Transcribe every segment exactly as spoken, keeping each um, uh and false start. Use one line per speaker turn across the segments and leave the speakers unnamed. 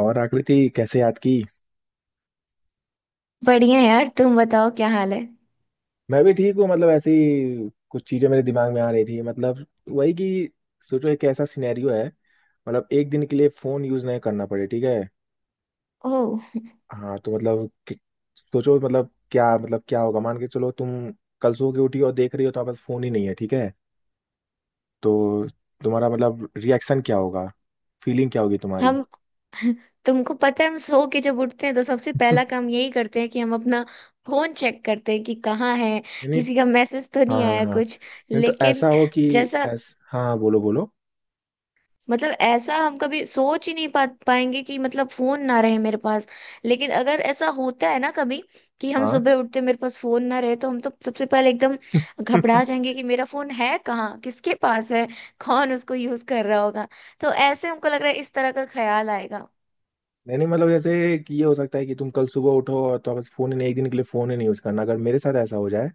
और आकृति कैसे याद की।
बढ़िया यार, तुम बताओ क्या हाल है।
मैं भी ठीक हूँ। मतलब ऐसे ही कुछ चीजें मेरे दिमाग में आ रही थी। मतलब वही कि सोचो, एक ऐसा सिनेरियो है। मतलब एक दिन के लिए फोन यूज नहीं करना पड़े, ठीक है।
ओह।
हाँ, तो मतलब कि- सोचो मतलब क्या, मतलब क्या होगा। मान के चलो तुम कल सो के उठी और देख रही हो तो पास फोन ही नहीं है, ठीक है। तो तुम्हारा मतलब रिएक्शन क्या होगा? फीलिंग क्या होगी तुम्हारी?
हम। तुमको पता है, हम सो के जब उठते हैं तो सबसे पहला काम यही करते हैं कि हम अपना फोन चेक करते हैं कि कहाँ है,
नहीं नहीं।
किसी का मैसेज तो
हाँ
नहीं
हाँ
आया
हाँ।
कुछ।
नहीं तो
लेकिन
ऐसा हो कि
जैसा
ऐस हाँ हाँ, बोलो बोलो।
मतलब ऐसा हम कभी सोच ही नहीं पा पाएंगे कि मतलब फोन ना रहे मेरे पास। लेकिन अगर ऐसा होता है ना कभी कि हम सुबह उठते मेरे पास फोन ना रहे, तो हम तो सबसे पहले एकदम
हाँ।
घबरा जाएंगे कि मेरा फोन है कहाँ, किसके पास है, कौन उसको यूज कर रहा होगा। तो ऐसे हमको लग रहा है, इस तरह का ख्याल आएगा।
नहीं नहीं, मतलब जैसे कि ये हो सकता है कि तुम कल सुबह उठो और तो बस फोन ही नहीं, एक दिन के लिए फोन ही नहीं यूज करना। अगर मेरे साथ ऐसा हो जाए,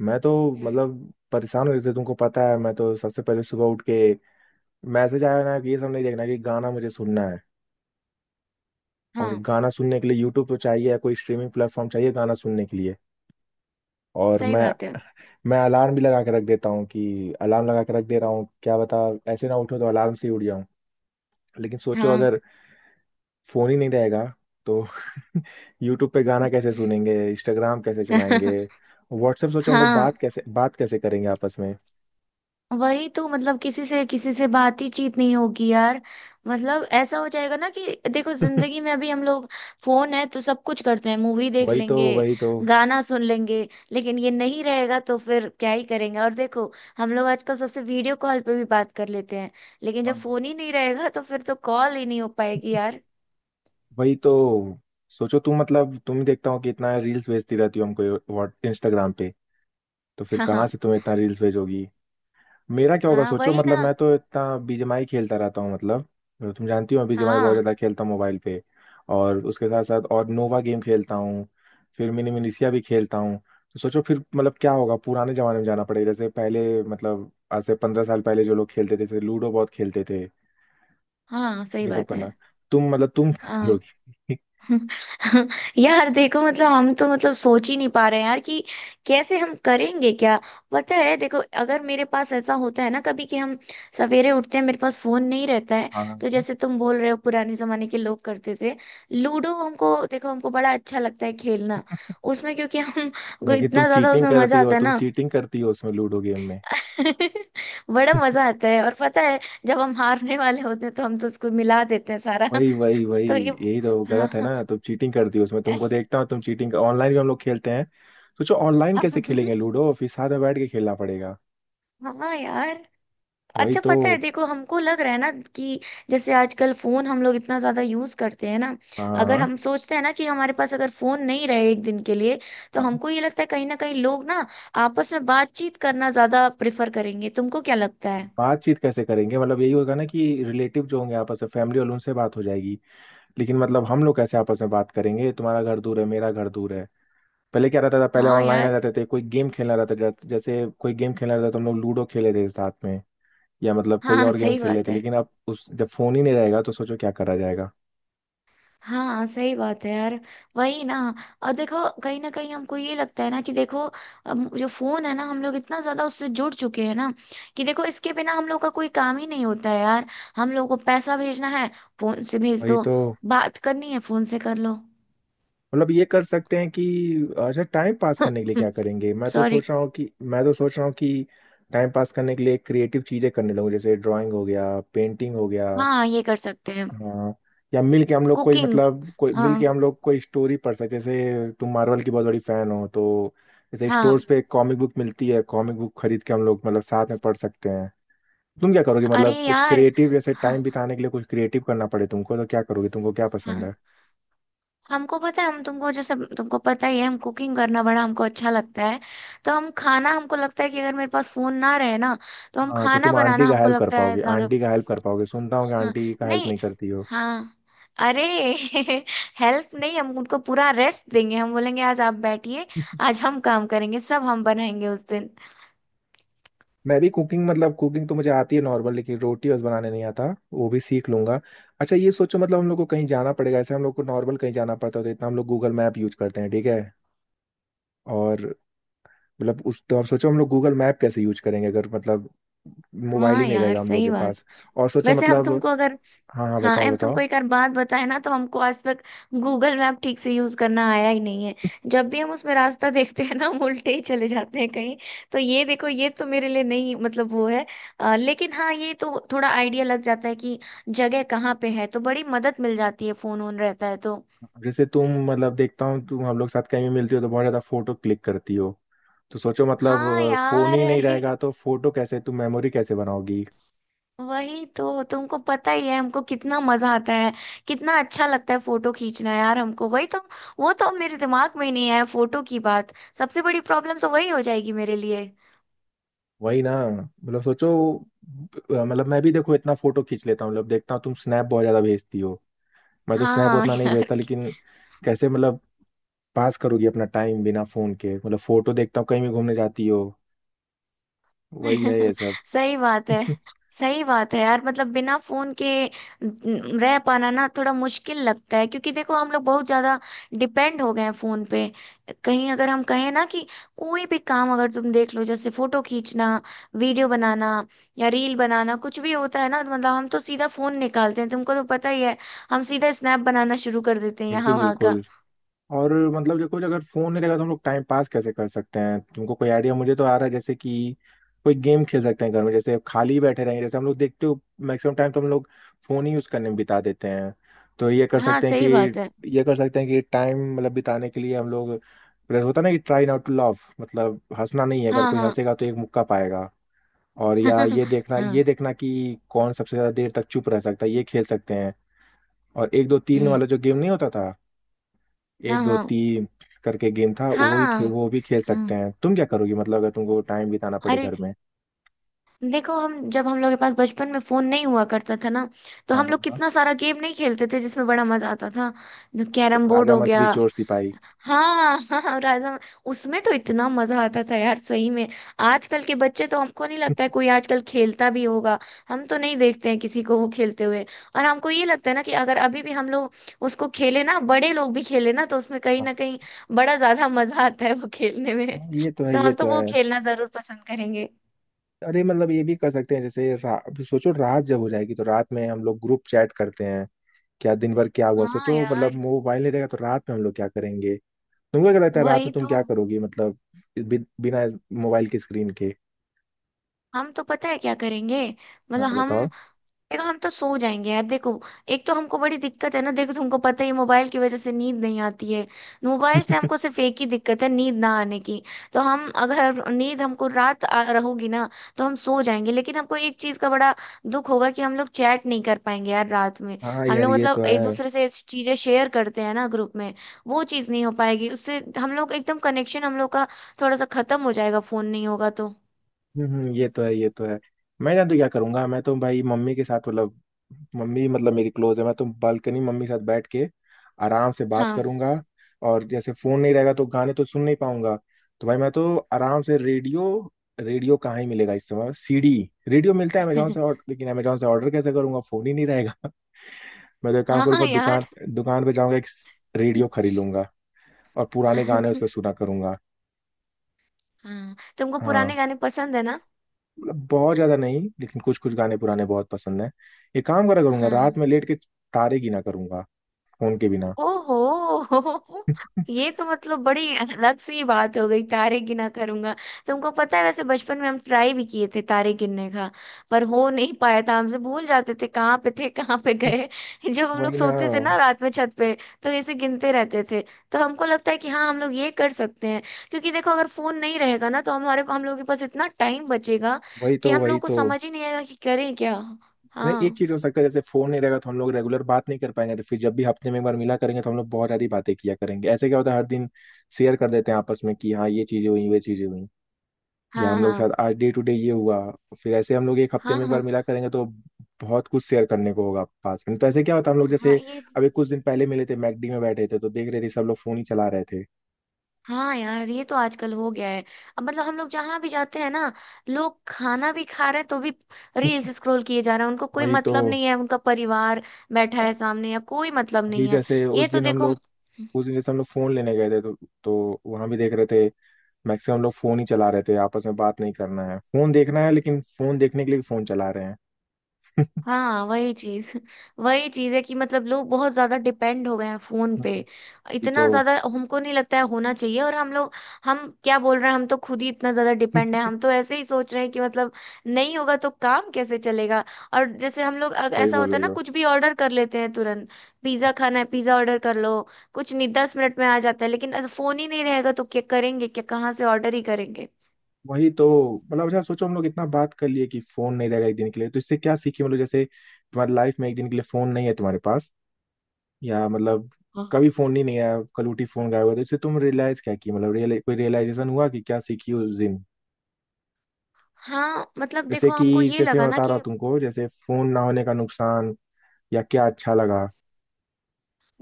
मैं तो
हम्म।
मतलब परेशान हो जाते। तुमको पता है, मैं तो सबसे पहले सुबह उठ के मैसेज आया ना कि ये सब नहीं देखना, कि गाना मुझे सुनना है। और
हाँ
गाना सुनने के लिए यूट्यूब तो चाहिए, या कोई स्ट्रीमिंग प्लेटफॉर्म चाहिए गाना सुनने के लिए। और
सही
मैं
बात है।
मैं अलार्म भी लगा के रख देता हूँ, कि अलार्म लगा के रख दे रहा हूँ क्या बता। ऐसे ना उठूँ तो अलार्म से ही उठ जाऊँ। लेकिन सोचो
हाँ।
अगर फोन ही नहीं रहेगा तो यूट्यूब पे गाना कैसे सुनेंगे? इंस्टाग्राम कैसे चलाएंगे? व्हाट्सएप, सोचो हम लोग बात
हाँ।
कैसे बात कैसे करेंगे आपस में?
वही तो। मतलब किसी से किसी से बात ही चीत नहीं होगी यार। मतलब ऐसा हो जाएगा ना कि देखो, जिंदगी में अभी हम लोग फोन है तो सब कुछ करते हैं, मूवी देख
वही तो
लेंगे,
वही तो।
गाना सुन लेंगे। लेकिन ये नहीं रहेगा तो फिर क्या ही करेंगे। और देखो, हम लोग आजकल सबसे वीडियो कॉल पे भी बात कर लेते हैं। लेकिन
हाँ।
जब फोन ही नहीं रहेगा तो फिर तो कॉल ही नहीं हो पाएगी यार।
वही तो। सोचो तुम मतलब तुम ही देखता हो कि इतना रील्स भेजती रहती हो हमको, व्हाट इंस्टाग्राम पे। तो फिर
हाँ,
कहाँ
हाँ,
से तुम्हें इतना रील्स भेजोगी? मेरा क्या होगा
हाँ।
सोचो,
वही
मतलब
ना।
मैं तो इतना बीजीएमआई खेलता रहता हूँ, मतलब। तो तुम जानती हो, मैं बीजीएमआई बहुत
हाँ,
ज़्यादा खेलता हूँ मोबाइल पे। और उसके साथ साथ और नोवा गेम खेलता हूँ। फिर मिनी मिनीसिया भी खेलता हूँ। तो सोचो फिर मतलब क्या होगा? पुराने ज़माने में जाना पड़ेगा, जैसे पहले मतलब आज से पंद्रह साल पहले जो लोग खेलते थे, जैसे लूडो बहुत खेलते थे।
हाँ, सही
ये सब
बात है।
करना। तुम मतलब तुम क्या
हाँ।
करोगी?
यार देखो, मतलब हम तो मतलब सोच ही नहीं पा रहे हैं यार कि कैसे हम करेंगे क्या। पता है, देखो अगर मेरे पास ऐसा होता है ना कभी कि हम सवेरे उठते हैं, मेरे पास फोन नहीं रहता है,
हाँ।
तो जैसे तुम बोल रहे हो पुराने जमाने के लोग करते थे। लूडो हमको, देखो हमको बड़ा अच्छा लगता है खेलना। उसमें क्योंकि हम को
लेकिन तुम
इतना ज्यादा
चीटिंग
उसमें
करती
मजा
हो,
आता है
तुम
ना।
चीटिंग करती हो उसमें, लूडो गेम में।
बड़ा मजा आता है, और पता है जब हम हारने वाले होते हैं तो हम तो उसको मिला देते हैं सारा।
वही वही वही।
तो ये
यही तो गलत है
हाँ,
ना, तुम चीटिंग करती हो उसमें, तुमको देखता हूँ, तुम चीटिंग ऑनलाइन भी हम लोग खेलते हैं। सोचो ऑनलाइन
हाँ।
कैसे खेलेंगे लूडो? फिर साथ में बैठ के खेलना पड़ेगा।
हाँ यार।
वही
अच्छा
तो।
पता है, देखो हमको लग रहा है ना कि जैसे आजकल फोन हम लोग इतना ज्यादा यूज करते हैं ना, अगर
हाँ
हम सोचते हैं ना कि हमारे पास अगर फोन नहीं रहे एक दिन के लिए, तो
हाँ।
हमको ये लगता है कहीं ना कहीं लोग ना आपस में बातचीत करना ज्यादा प्रेफर करेंगे। तुमको क्या लगता है?
बातचीत कैसे करेंगे? मतलब यही होगा ना कि रिलेटिव जो होंगे आपस में, फैमिली वालों, उनसे बात हो जाएगी। लेकिन मतलब हम लोग कैसे आपस में बात करेंगे? तुम्हारा घर दूर है, मेरा घर दूर है। पहले क्या रहता था, पहले
हाँ
ऑनलाइन आ
यार।
जाते थे, कोई गेम खेलना रहता था। जैसे जैसे कोई गेम खेलना रहता था तो हम लोग लूडो खेले थे साथ में, या मतलब कोई
हाँ
और गेम
सही
खेल
बात
लेते।
है।
लेकिन अब उस जब फोन ही नहीं रहेगा तो सोचो क्या करा जाएगा।
हाँ सही बात है यार। वही ना। और देखो, कहीं ना कहीं हमको ये लगता है ना कि देखो अब जो फोन है ना हम लोग इतना ज्यादा उससे जुड़ चुके हैं ना कि देखो इसके बिना हम लोग का कोई काम ही नहीं होता है यार। हम लोग को पैसा भेजना है, फोन से भेज
वही
दो।
तो।
बात करनी है, फोन से कर लो।
मतलब ये कर सकते हैं कि अच्छा टाइम पास करने के लिए क्या करेंगे? मैं तो
सॉरी।
सोच रहा हूँ कि मैं तो सोच रहा हूँ कि टाइम पास करने के लिए क्रिएटिव चीजें करने लगूँ, जैसे ड्राइंग हो गया, पेंटिंग हो गया।
हाँ, ये कर सकते हैं।
हाँ। या मिल के हम लोग कोई,
कुकिंग।
मतलब कोई
हाँ।
मिल के हम लोग कोई स्टोरी पढ़ सकते हैं, जैसे तुम मार्वल की बहुत बड़ी फैन हो तो, जैसे
हाँ।
स्टोर्स पे कॉमिक बुक मिलती है, कॉमिक बुक खरीद के हम लोग मतलब साथ में पढ़ सकते हैं। तुम क्या करोगे,
अरे
मतलब कुछ
यार।
क्रिएटिव, जैसे
हाँ।
टाइम बिताने के लिए कुछ क्रिएटिव करना पड़े तुमको तो क्या करोगे? तुमको क्या पसंद
हाँ।
है?
हमको पता है, हम तुमको जैसे तुमको पता ही है हम कुकिंग करना बड़ा हमको अच्छा लगता है। तो हम खाना, हमको लगता है कि अगर मेरे पास फोन ना रहे ना, तो हम
हाँ तो
खाना
तुम
बनाना
आंटी का
हमको
हेल्प कर
लगता है
पाओगे,
ज्यादा।
आंटी का हेल्प कर पाओगे, सुनता हूँ कि
हाँ।
आंटी का हेल्प
नहीं।
नहीं करती हो।
हाँ। अरे। हेल्प नहीं, हम उनको पूरा रेस्ट देंगे, हम बोलेंगे आज आप बैठिए, आज हम काम करेंगे, सब हम बनाएंगे उस दिन।
मैं भी कुकिंग, मतलब कुकिंग तो मुझे आती है नॉर्मल, लेकिन रोटी बस बनाने नहीं आता। वो भी सीख लूंगा। अच्छा ये सोचो, मतलब हम लोग को कहीं जाना पड़ेगा, ऐसे हम लोग को नॉर्मल कहीं जाना पड़ता है तो इतना हम लोग गूगल मैप यूज करते हैं, ठीक है। और मतलब उस तो आप सोचो हम लोग गूगल मैप कैसे यूज करेंगे अगर मतलब मोबाइल
हाँ
ही नहीं
यार
रहेगा हम लोग
सही
के
बात।
पास। और सोचो
वैसे हम
मतलब।
तुमको अगर,
हाँ हाँ,
हाँ
बताओ
अब
बताओ।
तुमको एक और बात बताए ना, तो हमको आज तक गूगल मैप ठीक से यूज करना आया ही नहीं है। जब भी हम उसमें रास्ता देखते हैं ना, हम उल्टे ही चले जाते हैं कहीं। तो ये देखो, ये तो मेरे लिए नहीं, मतलब वो है। अ, लेकिन हाँ, ये तो थोड़ा आइडिया लग जाता है कि जगह कहाँ पे है, तो बड़ी मदद मिल जाती है फोन ऑन रहता है तो।
जैसे तुम मतलब देखता हूँ तुम, हम लोग साथ कहीं भी मिलती हो तो बहुत ज्यादा फोटो क्लिक करती हो। तो सोचो मतलब
हाँ
फोन
यार,
ही नहीं
अरे।
रहेगा तो फोटो कैसे तुम मेमोरी कैसे बनाओगी?
वही तो तुमको पता ही है हमको कितना मजा आता है, कितना अच्छा लगता है फोटो खींचना यार हमको। वही तो। वो तो मेरे दिमाग में ही नहीं आया फोटो की बात। सबसे बड़ी प्रॉब्लम तो वही हो जाएगी मेरे लिए।
वही ना, मतलब सोचो। अ, मतलब मैं भी देखो इतना फोटो खींच लेता हूँ, मतलब देखता हूँ तुम स्नैप बहुत ज्यादा भेजती हो, मैं तो स्नैप
हाँ, हाँ,
उतना नहीं
यार।
भेजता। लेकिन कैसे मतलब पास करोगी अपना टाइम बिना फोन के? मतलब फोटो देखता हूँ कहीं भी घूमने जाती हो, वही है ये सब।
सही बात है। सही बात है यार, मतलब बिना फोन के न- रह पाना ना थोड़ा मुश्किल लगता है, क्योंकि देखो हम लोग बहुत ज्यादा डिपेंड हो गए हैं फोन पे। कहीं अगर हम कहें ना कि कोई भी काम, अगर तुम देख लो जैसे फोटो खींचना, वीडियो बनाना, या रील बनाना, कुछ भी होता है ना तो मतलब हम तो सीधा फोन निकालते हैं, तुमको तो पता ही है। हम सीधा स्नैप बनाना शुरू कर देते हैं यहाँ
बिल्कुल
वहाँ का।
बिल्कुल। और मतलब देखो अगर फोन नहीं रहेगा तो हम लोग टाइम पास कैसे कर सकते हैं? तुमको कोई आइडिया? मुझे तो आ रहा है जैसे कि कोई गेम खेल सकते हैं घर में, जैसे खाली बैठे रहेंगे। जैसे हम लोग देखते हो मैक्सिमम टाइम तो हम लोग फोन ही यूज करने में बिता देते हैं। तो ये कर
हाँ
सकते हैं कि
सही बात है।
ये कर सकते हैं कि टाइम मतलब बिताने के लिए हम लोग, जैसे होता है ना कि ट्राई नॉट टू laugh, मतलब हंसना नहीं है, अगर
हाँ,
कोई
हाँ।
हंसेगा तो एक मुक्का पाएगा। और या ये देखना
हाँ।
ये देखना कि कौन सबसे ज्यादा देर तक चुप रह सकता है, ये खेल सकते हैं। और एक दो तीन
हम्म।
वाला जो गेम नहीं होता था, एक
हाँ,
दो
हाँ।
तीन करके गेम था वो भी खे,
हाँ,
वो भी खेल सकते
हाँ।
हैं। तुम क्या करोगी मतलब अगर तुमको टाइम बिताना पड़े
अरे
घर में?
देखो, हम जब हम लोग के पास बचपन में फोन नहीं हुआ करता था ना, तो
हाँ
हम
हाँ
लोग
हाँ,
कितना सारा गेम नहीं खेलते थे जिसमें बड़ा मजा आता था। कैरम बोर्ड
राजा
हो गया।
मंत्री चोर सिपाही।
हाँ। हाँ राजा। उसमें तो इतना मजा आता था यार सही में। आजकल के बच्चे तो हमको नहीं लगता है कोई आजकल खेलता भी होगा। हम तो नहीं देखते हैं किसी को वो खेलते हुए। और हमको ये लगता है ना कि अगर अभी भी हम लोग उसको खेले ना, बड़े लोग भी खेले ना, तो उसमें कहीं
हाँ
ना कहीं बड़ा ज्यादा मजा आता है वो खेलने में।
हाँ, ये तो है,
तो
ये
हम तो
तो
वो
है।
खेलना जरूर पसंद करेंगे।
अरे, मतलब ये भी कर सकते हैं जैसे रा, सोचो रात जब हो जाएगी तो रात में हम लोग ग्रुप चैट करते हैं क्या दिन भर क्या हुआ।
हाँ
सोचो
यार।
मतलब मोबाइल नहीं रहेगा तो रात में हम लोग क्या करेंगे? तुमको क्या लगता है रात
वही
में तुम
तो।
क्या करोगी मतलब बि, बिना मोबाइल की स्क्रीन के?
हम तो पता है क्या करेंगे,
हाँ
मतलब हम।
बताओ।
देखो हम तो सो जाएंगे यार। देखो, एक तो हमको बड़ी दिक्कत है ना, देखो तुमको पता ही है, मोबाइल की वजह से नींद नहीं आती है। मोबाइल से हमको सिर्फ एक ही दिक्कत है, नींद ना आने की। तो हम अगर नींद हमको रात आ रहोगी ना, तो हम सो जाएंगे। लेकिन हमको एक चीज का बड़ा दुख होगा कि हम लोग चैट नहीं कर पाएंगे यार रात में।
हाँ
हम
यार,
लोग
ये
मतलब
तो
एक
है।
दूसरे से चीजें शेयर करते हैं ना ग्रुप में, वो चीज नहीं हो पाएगी, उससे हम लोग एकदम कनेक्शन हम लोग का थोड़ा सा खत्म हो जाएगा फोन नहीं होगा तो।
हम्म, ये तो है, ये तो है। मैं जान तो क्या करूंगा, मैं तो भाई मम्मी के साथ मतलब, मम्मी मतलब मेरी क्लोज है, मैं तो बालकनी मम्मी के साथ बैठ के आराम से बात
हाँ।
करूंगा। और जैसे फोन नहीं रहेगा तो गाने तो सुन नहीं पाऊंगा, तो भाई मैं तो आराम से रेडियो, रेडियो कहाँ ही मिलेगा इस समय? सीडी। रेडियो मिलता है अमेजोन से, और लेकिन अमेजोन से ऑर्डर कैसे करूंगा, फोन ही नहीं रहेगा। मैं तो एक काम
हाँ, हाँ
करूंगा, दुकान,
यार।
दुकान पे जाऊंगा, एक रेडियो खरीद लूंगा, और पुराने गाने उस पर सुना करूंगा।
हाँ, तुमको पुराने
हाँ।
गाने पसंद है ना?
मतलब बहुत ज्यादा नहीं, लेकिन कुछ कुछ गाने पुराने बहुत पसंद है। एक काम करा करूंगा, रात
हाँ।
में लेट के तारे गिना करूंगा, फोन के बिना।
ओहो। ये तो मतलब बड़ी अलग सी बात हो गई, तारे गिना करूंगा। तुमको पता है, वैसे बचपन में हम ट्राई भी किए थे तारे गिनने का। पर हो नहीं पाया था, हमसे भूल जाते थे कहाँ पे थे कहाँ पे गए। जब हम लोग
वही ना,
सोते थे ना रात में छत पे, तो ऐसे गिनते रहते थे। तो हमको लगता है कि हाँ, हम लोग ये कर सकते हैं। क्योंकि देखो अगर फोन नहीं रहेगा ना, तो हमारे हम लोग के पास इतना टाइम बचेगा
वही
कि
तो
हम
वही
लोग को
तो।
समझ ही नहीं आएगा कि करें क्या।
नहीं, एक
हाँ।
चीज हो सकता है, जैसे फोन नहीं रहेगा तो हम लोग रेगुलर बात नहीं कर पाएंगे, तो फिर जब भी हफ्ते में एक बार मिला करेंगे तो हम लोग बहुत ज्यादा ही बातें किया करेंगे। ऐसे क्या होता है, हर दिन शेयर कर देते हैं आपस में कि हाँ ये चीजें हुई वे चीजें हुई। या
हाँ,
हम लोग
हाँ।
साथ आज डे टू डे ये हुआ, फिर ऐसे हम लोग एक हफ्ते
हाँ,
में एक बार
हाँ,
मिला करेंगे तो बहुत कुछ शेयर करने को होगा पास में। तो ऐसे क्या होता है, हम लोग
हाँ।
जैसे
ये।
अभी कुछ दिन पहले मिले थे, मैकडी में बैठे थे तो देख रहे थे सब लोग फोन ही चला रहे थे।
हाँ यार, ये तो आजकल हो गया है। अब मतलब हम लोग जहां भी जाते हैं ना, लोग खाना भी खा रहे हैं तो भी रील्स स्क्रॉल किए जा रहे हैं, उनको कोई
वही तो।
मतलब नहीं है, उनका परिवार बैठा
हाँ,
है सामने, या कोई मतलब
अभी
नहीं है।
जैसे
ये
उस
तो
दिन हम
देखो।
लोग, उस दिन जैसे हम लोग फोन लेने गए थे तो तो वहां भी देख रहे थे, मैक्सिमम लोग फोन ही चला रहे थे। आपस में बात नहीं करना है, फोन देखना है, लेकिन फोन देखने के लिए फोन चला रहे हैं।
हाँ। वही चीज। वही चीज है कि मतलब लोग बहुत ज्यादा डिपेंड हो गए हैं फोन पे।
हम्म। ये
इतना
तो।
ज्यादा हमको नहीं लगता है होना चाहिए। और हम लोग, हम क्या बोल रहे हैं, हम तो खुद ही इतना ज्यादा डिपेंड है, हम तो ऐसे ही सोच रहे हैं कि मतलब नहीं होगा तो काम कैसे चलेगा। और जैसे हम लोग अग-
सही
ऐसा
बोल
होता है
रही
ना,
हो,
कुछ भी ऑर्डर कर लेते हैं तुरंत। पिज्जा खाना है, पिज्जा ऑर्डर कर लो। कुछ नहीं, दस मिनट में आ जाता है। लेकिन ऐसा फोन ही नहीं रहेगा तो क्या करेंगे, क्या, कहाँ से ऑर्डर ही करेंगे।
वही तो। मतलब अच्छा सोचो, हम लोग इतना बात कर लिए कि फोन नहीं रहेगा एक दिन के लिए, तो इससे क्या सीखी? मतलब जैसे तुम्हारी लाइफ में एक दिन के लिए फोन नहीं है तुम्हारे पास, या मतलब
हाँ,
कभी फोन नहीं नहीं आया, कल उठी फोन गायब हुआ, तो इससे तुम रियलाइज क्या की, मतलब रियल कोई रियलाइजेशन हुआ कि क्या सीखी उस दिन?
हाँ। मतलब
जैसे
देखो
कि
हमको ये
जैसे मैं
लगा ना
बता रहा हूँ
कि
तुमको, जैसे फोन ना होने का नुकसान या क्या अच्छा लगा।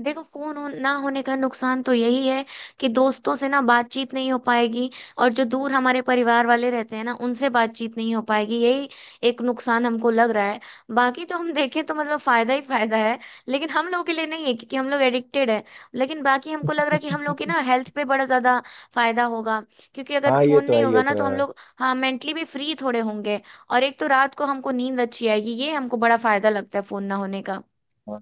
देखो फोन हो, ना होने का नुकसान तो यही है कि दोस्तों से ना बातचीत नहीं हो पाएगी, और जो दूर हमारे परिवार वाले रहते हैं ना उनसे बातचीत नहीं हो पाएगी, यही एक नुकसान हमको लग रहा है। बाकी तो हम देखें तो मतलब फायदा ही फायदा है। लेकिन हम लोगों के लिए नहीं है, क्योंकि हम लोग एडिक्टेड है। लेकिन बाकी हमको लग रहा है कि हम लोग की ना हेल्थ पे बड़ा ज्यादा फायदा होगा। क्योंकि अगर
हाँ ये
फोन
तो
नहीं
है, ये
होगा
तो
ना, तो हम लोग हाँ मेंटली भी फ्री थोड़े होंगे। और एक तो रात को हमको नींद अच्छी आएगी, ये हमको बड़ा फायदा लगता है फोन ना होने का।
है।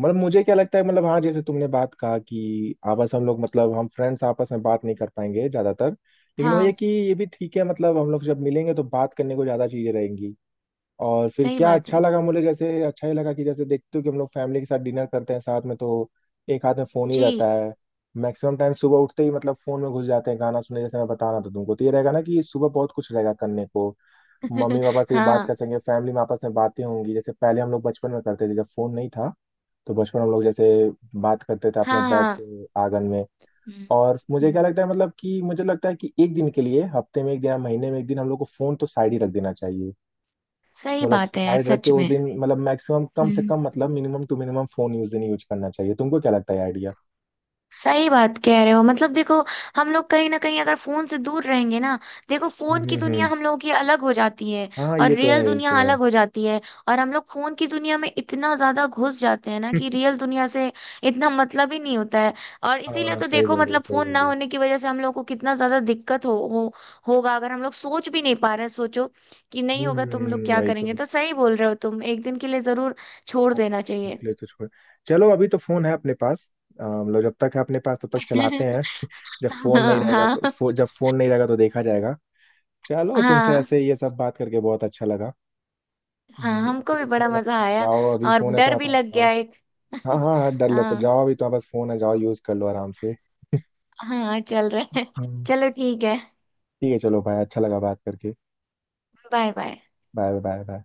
मतलब मुझे क्या लगता है, मतलब हाँ जैसे तुमने बात कहा कि आपस हम लोग, मतलब हम फ्रेंड्स आपस में बात नहीं कर पाएंगे ज्यादातर, लेकिन वो ये
हाँ
कि ये भी ठीक है, मतलब हम लोग जब मिलेंगे तो बात करने को ज्यादा चीजें रहेंगी। और फिर
सही
क्या
बात
अच्छा
है।
लगा मुझे, जैसे अच्छा ही लगा कि जैसे देखते हो कि हम लोग फैमिली के साथ डिनर करते हैं साथ में तो एक हाथ में फोन ही
जी।
रहता है। मैक्सिमम टाइम सुबह उठते ही मतलब फोन में घुस जाते हैं गाना सुनने, जैसे मैं बता रहा था तुमको, तो ये रहेगा ना कि सुबह बहुत कुछ रहेगा करने को। मम्मी पापा से भी बात
हाँ,
कर सकेंगे, फैमिली में आपस में बातें होंगी जैसे पहले हम लोग बचपन में करते थे जब फोन नहीं था। तो बचपन में हम लोग जैसे बात करते थे आपस में
हाँ,
बैठ
हाँ।
के आंगन में।
हम्म,
और मुझे क्या
हम्म,
लगता है, मतलब कि मुझे लगता है कि एक दिन के लिए, हफ्ते में एक दिन या महीने में एक दिन, हम लोग को फोन तो साइड ही रख देना चाहिए।
सही
मतलब
बात है यार
साइड रख के
सच
उस
में।
दिन मतलब मैक्सिमम कम से
हम्म
कम, मतलब मिनिमम टू मिनिमम फोन उस दिन यूज करना चाहिए, तुमको क्या लगता है आइडिया?
सही बात कह रहे हो, मतलब देखो हम लोग कहीं ना कहीं अगर फोन से दूर रहेंगे ना, देखो
हम्म
फोन की
हम्म
दुनिया
हम्म।
हम लोगों की अलग हो जाती है,
हाँ
और
ये तो है,
रियल
ये
दुनिया
तो है।
अलग हो जाती है। और हम लोग फोन की दुनिया में इतना ज्यादा घुस जाते हैं ना कि रियल दुनिया से इतना मतलब ही नहीं होता है। और इसीलिए
हाँ
तो
सही
देखो
बोलिए
मतलब
सही
फोन ना
बोलिए।
होने की वजह से हम लोग को कितना ज्यादा दिक्कत हो, हो होगा, अगर हम लोग सोच भी नहीं पा रहे हैं, सोचो कि नहीं
हम्म
होगा तुम लोग
हम्म,
क्या
वही तो।
करेंगे, तो सही बोल रहे हो तुम, एक दिन के लिए जरूर छोड़
हाँ,
देना चाहिए।
निकले तो छोड़, चलो अभी तो फोन है अपने पास। अ, मतलब जब तक है अपने पास तब तक चलाते हैं। जब फोन नहीं
हाँ,
रहेगा
हाँ,
तो फो, जब फोन नहीं रहेगा तो देखा जाएगा। चलो, तुमसे
हाँ।
ऐसे ये सब बात करके बहुत अच्छा लगा।
हाँ,
हम्म,
हमको
अभी
भी
तो
बड़ा
फोन है
मजा
तो
आया,
जाओ, अभी
और
फोन है तो
डर
आप
भी
आप
लग
जाओ।
गया एक।
हाँ हाँ हाँ, डर लग, तो
हाँ,
जाओ, अभी तो आप बस फोन है, जाओ यूज कर लो आराम से।
हाँ, चल रहा है।
हम्म,
चलो ठीक है।
ठीक है चलो भाई, अच्छा लगा बात करके।
Bye bye.
Bye bye bye.